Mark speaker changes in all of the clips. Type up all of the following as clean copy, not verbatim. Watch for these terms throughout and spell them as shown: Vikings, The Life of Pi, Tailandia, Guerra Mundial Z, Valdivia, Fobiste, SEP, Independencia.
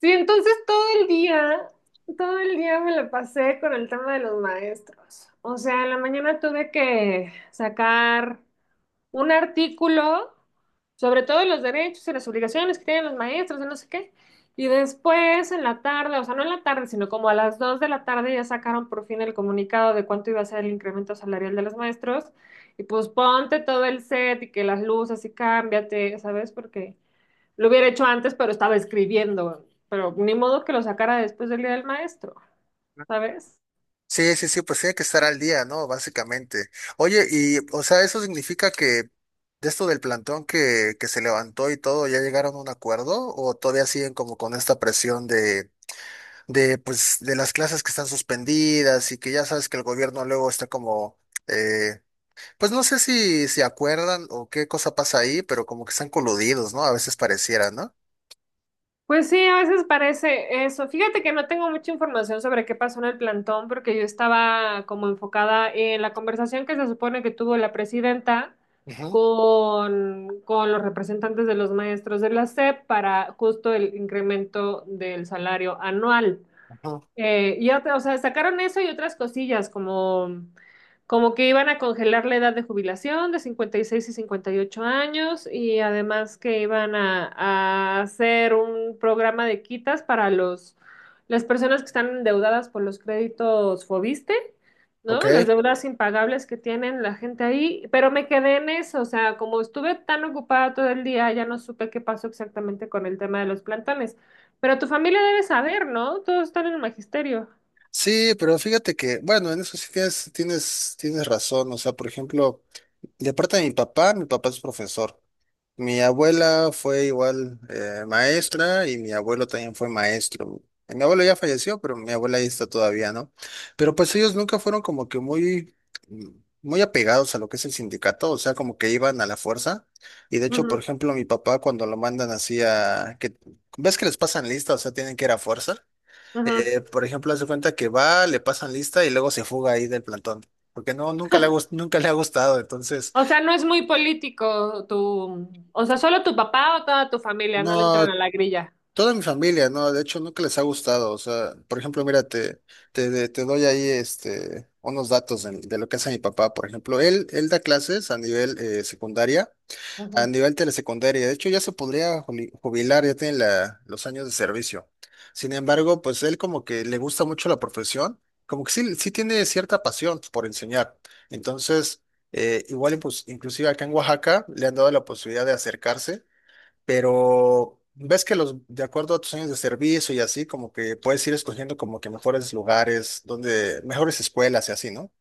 Speaker 1: Sí, entonces todo el día me la pasé con el tema de los maestros. O sea, en la mañana tuve que sacar un artículo sobre todo los derechos y las obligaciones que tienen los maestros, y no sé qué. Y después en la tarde, o sea, no en la tarde, sino como a las 2 de la tarde ya sacaron por fin el comunicado de cuánto iba a ser el incremento salarial de los maestros. Y pues ponte todo el set y que las luces y cámbiate, ¿sabes? Porque lo hubiera hecho antes, pero estaba escribiendo, pero ni modo que lo sacara después del día del maestro, ¿sabes?
Speaker 2: Sí, sí, sí, pues tiene que estar al día, ¿no? Básicamente. Oye, y, o sea, eso significa que de esto del plantón que se levantó y todo, ¿ya llegaron a un acuerdo? ¿O todavía siguen como con esta presión de, pues, de las clases que están suspendidas y que ya sabes que el gobierno luego está como, eh, pues no sé si se acuerdan o qué cosa pasa ahí, pero como que están coludidos, ¿no? A veces pareciera, ¿no?
Speaker 1: Pues sí, a veces parece eso. Fíjate que no tengo mucha información sobre qué pasó en el plantón porque yo estaba como enfocada en la conversación que se supone que tuvo la presidenta
Speaker 2: Ujú,
Speaker 1: con los representantes de los maestros de la SEP para justo el incremento del salario anual.
Speaker 2: ujú.
Speaker 1: Y otra, o sea, sacaron eso y otras cosillas, como, como que iban a congelar la edad de jubilación de 56 y 58 años, y además que iban a hacer un programa de quitas para las personas que están endeudadas por los créditos Fobiste,
Speaker 2: Ok.
Speaker 1: ¿no? Las deudas impagables que tienen la gente ahí, pero me quedé en eso, o sea, como estuve tan ocupada todo el día, ya no supe qué pasó exactamente con el tema de los plantones. Pero tu familia debe saber, ¿no? Todos están en el magisterio.
Speaker 2: Sí, pero fíjate que, bueno, en eso sí tienes razón. O sea, por ejemplo, de parte de mi papá es profesor. Mi abuela fue igual maestra y mi abuelo también fue maestro. Mi abuelo ya falleció, pero mi abuela ahí está todavía, ¿no? Pero pues ellos nunca fueron como que muy, muy apegados a lo que es el sindicato, o sea, como que iban a la fuerza. Y de hecho, por
Speaker 1: Ujú,
Speaker 2: ejemplo, mi papá cuando lo mandan así a que, ¿ves que les pasan lista? O sea, tienen que ir a fuerza.
Speaker 1: ujú.
Speaker 2: Por ejemplo, hace cuenta que va, le pasan lista y luego se fuga ahí del plantón, porque no, nunca le ha, nunca le ha gustado, entonces,
Speaker 1: O sea, no es muy político tu... O sea, solo tu papá o toda tu familia no le entran a
Speaker 2: no,
Speaker 1: la grilla.
Speaker 2: toda mi familia, no, de hecho, nunca les ha gustado, o sea, por ejemplo, mira, te, te doy ahí, unos datos de lo que hace mi papá, por ejemplo, él da clases a nivel secundaria, a
Speaker 1: Ujú,
Speaker 2: nivel telesecundaria, de hecho ya se podría jubilar, ya tiene los años de servicio. Sin embargo, pues él como que le gusta mucho la profesión, como que sí tiene cierta pasión por enseñar. Entonces, igual y pues inclusive acá en Oaxaca le han dado la posibilidad de acercarse, pero ves que los, de acuerdo a tus años de servicio y así, como que puedes ir escogiendo como que mejores lugares, donde, mejores escuelas y así, ¿no?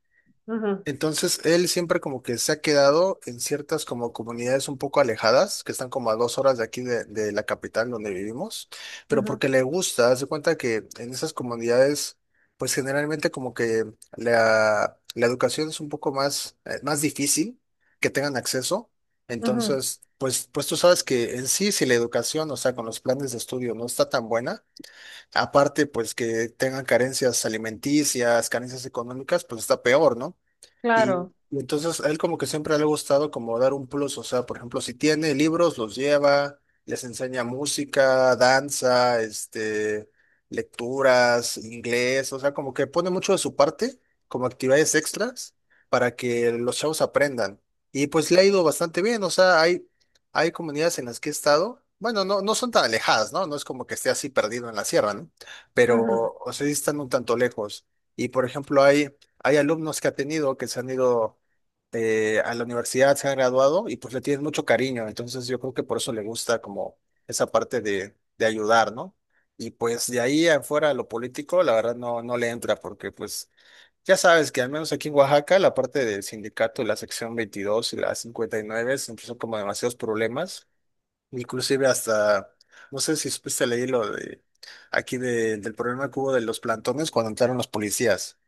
Speaker 1: ujú,
Speaker 2: Entonces, él siempre como que se ha quedado en ciertas como comunidades un poco alejadas, que están como a 2 horas de aquí de la capital donde vivimos, pero
Speaker 1: ujú,
Speaker 2: porque le gusta, hace cuenta que en esas comunidades, pues generalmente como que la educación es un poco más, más difícil que tengan acceso.
Speaker 1: ujú.
Speaker 2: Entonces, pues, pues tú sabes que en sí, si la educación, o sea, con los planes de estudio no está tan buena, aparte pues que tengan carencias alimenticias, carencias económicas, pues está peor, ¿no? Y,
Speaker 1: Claro.
Speaker 2: y entonces a él como que siempre le ha gustado como dar un plus, o sea, por ejemplo, si tiene libros, los lleva, les enseña música, danza, este, lecturas, inglés, o sea, como que pone mucho de su parte como actividades extras para que los chavos aprendan. Y pues le ha ido bastante bien, o sea, hay comunidades en las que he estado, bueno, no, no son tan alejadas, ¿no? No es como que esté así perdido en la sierra, ¿no? Pero,
Speaker 1: Ujú.
Speaker 2: o sea, sí están un tanto lejos. Y por ejemplo, Hay alumnos que ha tenido que se han ido a la universidad, se han graduado y pues le tienen mucho cariño. Entonces yo creo que por eso le gusta como esa parte de ayudar, ¿no? Y pues de ahí afuera lo político, la verdad no, no le entra porque pues ya sabes que al menos aquí en Oaxaca la parte del sindicato, la sección 22 y la 59 siempre empezó como demasiados problemas. Inclusive hasta, no sé si supiste leer lo de aquí del problema que hubo de los plantones cuando entraron los policías.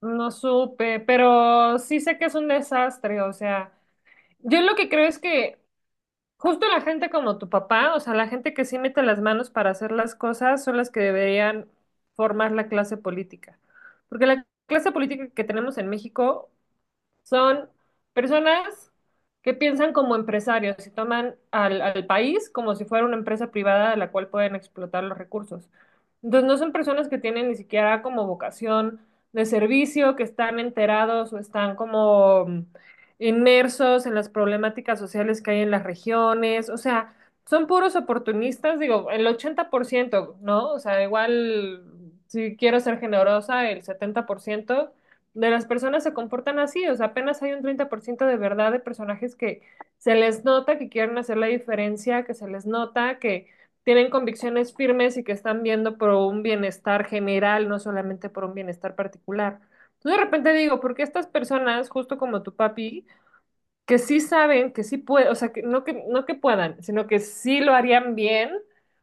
Speaker 1: No supe, pero sí sé que es un desastre. O sea, yo lo que creo es que justo la gente como tu papá, o sea, la gente que sí mete las manos para hacer las cosas, son las que deberían formar la clase política. Porque la clase política que tenemos en México son personas que piensan como empresarios y toman al país como si fuera una empresa privada de la cual pueden explotar los recursos. Entonces no son personas que tienen ni siquiera como vocación de servicio, que están enterados o están como inmersos en las problemáticas sociales que hay en las regiones. O sea, son puros oportunistas, digo, el 80%, ¿no? O sea, igual si quiero ser generosa, el 70% de las personas se comportan así, o sea, apenas hay un 30% de verdad de personajes que se les nota que quieren hacer la diferencia, que se les nota que tienen convicciones firmes y que están viendo por un bienestar general, no solamente por un bienestar particular. Entonces de repente digo, ¿por qué estas personas, justo como tu papi, que sí saben, que sí pueden, o sea, que no que, no que puedan, sino que sí lo harían bien,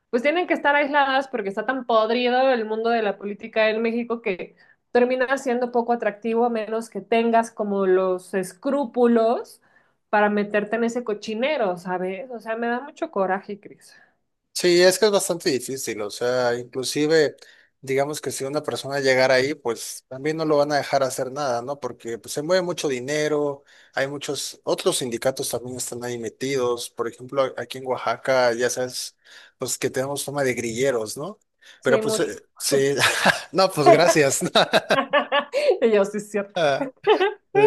Speaker 1: pues tienen que estar aisladas porque está tan podrido el mundo de la política en México que termina siendo poco atractivo a menos que tengas como los escrúpulos para meterte en ese cochinero, ¿sabes? O sea, me da mucho coraje, Cris.
Speaker 2: Sí, es que es bastante difícil, o sea, inclusive, digamos que si una persona llegara ahí, pues también no lo van a dejar hacer nada, ¿no? Porque pues, se mueve mucho dinero, hay muchos, otros sindicatos también están ahí metidos, por ejemplo, aquí en Oaxaca, ya sabes, pues que tenemos fama de grilleros, ¿no? Pero
Speaker 1: Sí,
Speaker 2: pues,
Speaker 1: mucho.
Speaker 2: sí, no, pues gracias.
Speaker 1: Y yo sí es cierto.
Speaker 2: Ah, sí.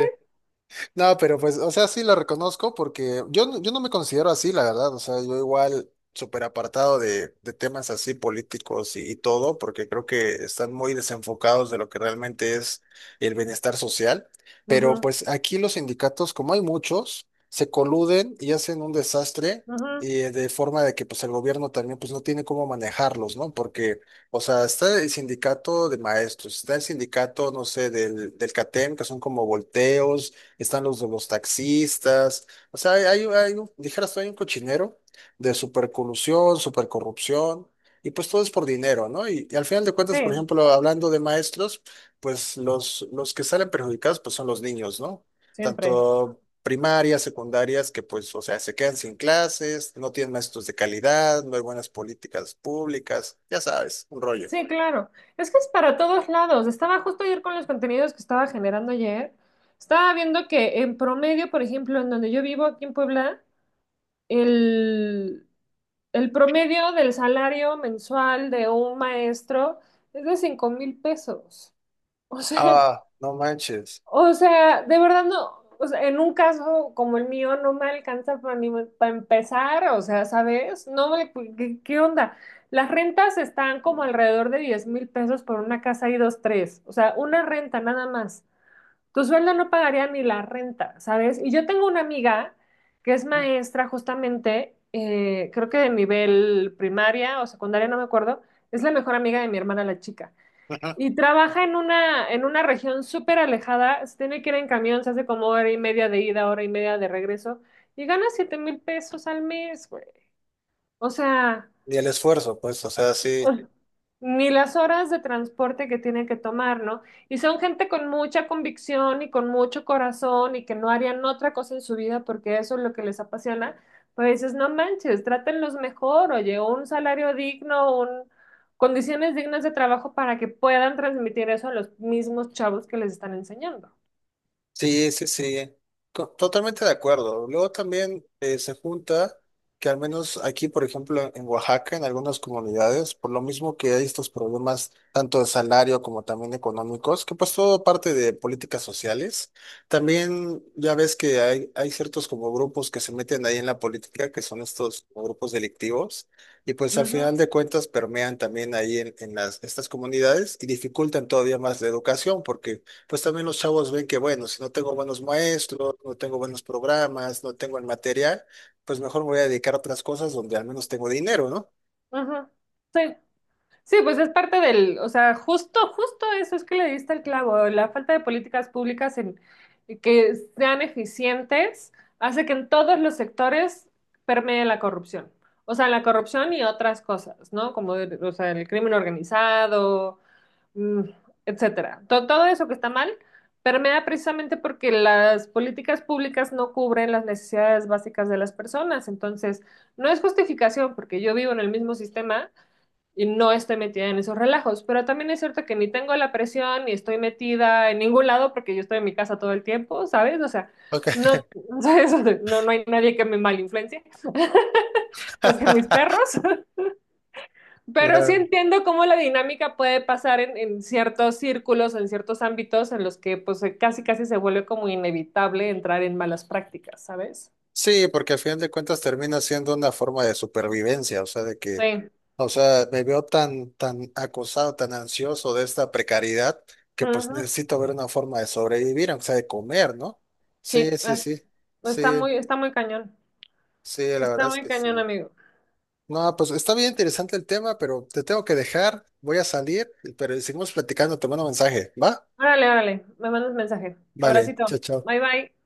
Speaker 2: No, pero pues, o sea, sí lo reconozco porque yo, yo no me considero así, la verdad. O sea, yo igual súper apartado de temas así políticos y todo, porque creo que están muy desenfocados de lo que realmente es el bienestar social. Pero
Speaker 1: Ujú,
Speaker 2: pues aquí los sindicatos, como hay muchos, se coluden y hacen un desastre
Speaker 1: ujú.
Speaker 2: y de forma de que pues el gobierno también pues no tiene cómo manejarlos, ¿no? Porque... O sea, está el sindicato de maestros, está el sindicato, no sé, del CATEM, que son como volteos, están los de los taxistas, o sea, hay un, dijeras tú, hay un cochinero de supercolusión, supercorrupción, y pues todo es por dinero, ¿no? Y al final de cuentas, por
Speaker 1: Sí,
Speaker 2: ejemplo, hablando de maestros, pues los que salen perjudicados, pues son los niños, ¿no?
Speaker 1: siempre.
Speaker 2: Tanto primarias, secundarias, que pues, o sea, se quedan sin clases, no tienen maestros de calidad, no hay buenas políticas públicas, ya sabes, un rollo.
Speaker 1: Sí, claro. Es que es para todos lados. Estaba justo ayer con los contenidos que estaba generando ayer. Estaba viendo que en promedio, por ejemplo, en donde yo vivo aquí en Puebla, el, el promedio del salario mensual de un maestro es de 5,000 pesos. O sea,
Speaker 2: Ah, no manches.
Speaker 1: o sea, de verdad no, o sea, en un caso como el mío no me alcanza para ni para empezar, o sea, ¿sabes? No me, ¿qué onda? Las rentas están como alrededor de 10,000 pesos por una casa y dos, tres, o sea, una renta nada más. Tu sueldo no pagaría ni la renta, ¿sabes? Y yo tengo una amiga que es maestra justamente, creo que de nivel primaria o secundaria, no me acuerdo, es la mejor amiga de mi hermana la chica. Y trabaja en una región súper alejada, se tiene que ir en camión, se hace como hora y media de ida, hora y media de regreso, y gana 7,000 pesos al mes, güey. O sea,
Speaker 2: Ni el esfuerzo, pues, o sea, sí.
Speaker 1: ni las horas de transporte que tienen que tomar, ¿no? Y son gente con mucha convicción y con mucho corazón y que no harían otra cosa en su vida porque eso es lo que les apasiona, pues dices, no manches, trátenlos mejor, oye, un salario digno, un... condiciones dignas de trabajo para que puedan transmitir eso a los mismos chavos que les están enseñando.
Speaker 2: Sí, sí, sí, totalmente de acuerdo. Luego también se junta que al menos aquí, por ejemplo, en Oaxaca, en algunas comunidades, por lo mismo que hay estos problemas tanto de salario como también económicos, que pues todo parte de políticas sociales, también ya ves que hay ciertos como grupos que se meten ahí en la política, que son estos como grupos delictivos, y pues al final de cuentas permean también ahí en estas comunidades y dificultan todavía más la educación, porque pues también los chavos ven que, bueno, si no tengo buenos maestros, no tengo buenos programas, no tengo el material, pues mejor me voy a dedicar a otras cosas donde al menos tengo dinero, ¿no?
Speaker 1: Ujú, ujú. Sí, sí, pues es parte del, o sea, justo eso es que le diste el clavo. La falta de políticas públicas en que sean eficientes hace que en todos los sectores permee la corrupción. O sea, la corrupción y otras cosas, ¿no? Como, o sea, el crimen organizado, mm, etcétera. Todo eso que está mal permea precisamente porque las políticas públicas no cubren las necesidades básicas de las personas. Entonces, no es justificación porque yo vivo en el mismo sistema y no esté metida en esos relajos. Pero también es cierto que ni tengo la presión ni estoy metida en ningún lado porque yo estoy en mi casa todo el tiempo, ¿sabes? O sea, no,
Speaker 2: Ok.
Speaker 1: ¿sabes? No, no hay nadie que me malinfluencie, más que mis perros. Pero sí
Speaker 2: La-
Speaker 1: entiendo cómo la dinámica puede pasar en ciertos círculos, en ciertos ámbitos en los que pues casi casi se vuelve como inevitable entrar en malas prácticas, ¿sabes?
Speaker 2: sí, porque al final de cuentas termina siendo una forma de supervivencia, o sea, de que,
Speaker 1: Sí.
Speaker 2: o sea, me veo tan, tan acosado, tan ansioso de esta precariedad, que pues
Speaker 1: Ujú.
Speaker 2: necesito ver una forma de sobrevivir, aunque sea de comer, ¿no? Sí,
Speaker 1: Sí,
Speaker 2: sí, sí,
Speaker 1: está
Speaker 2: sí,
Speaker 1: muy, está muy cañón.
Speaker 2: sí, la
Speaker 1: Está
Speaker 2: verdad es
Speaker 1: muy
Speaker 2: que
Speaker 1: cañón,
Speaker 2: sí.
Speaker 1: amigo.
Speaker 2: No, pues está bien interesante el tema, pero te tengo que dejar, voy a salir, pero seguimos platicando, te mando mensaje, ¿va?
Speaker 1: Órale, órale, me mandas mensaje.
Speaker 2: Vale,
Speaker 1: Abracito.
Speaker 2: chao, chao.
Speaker 1: Bye bye.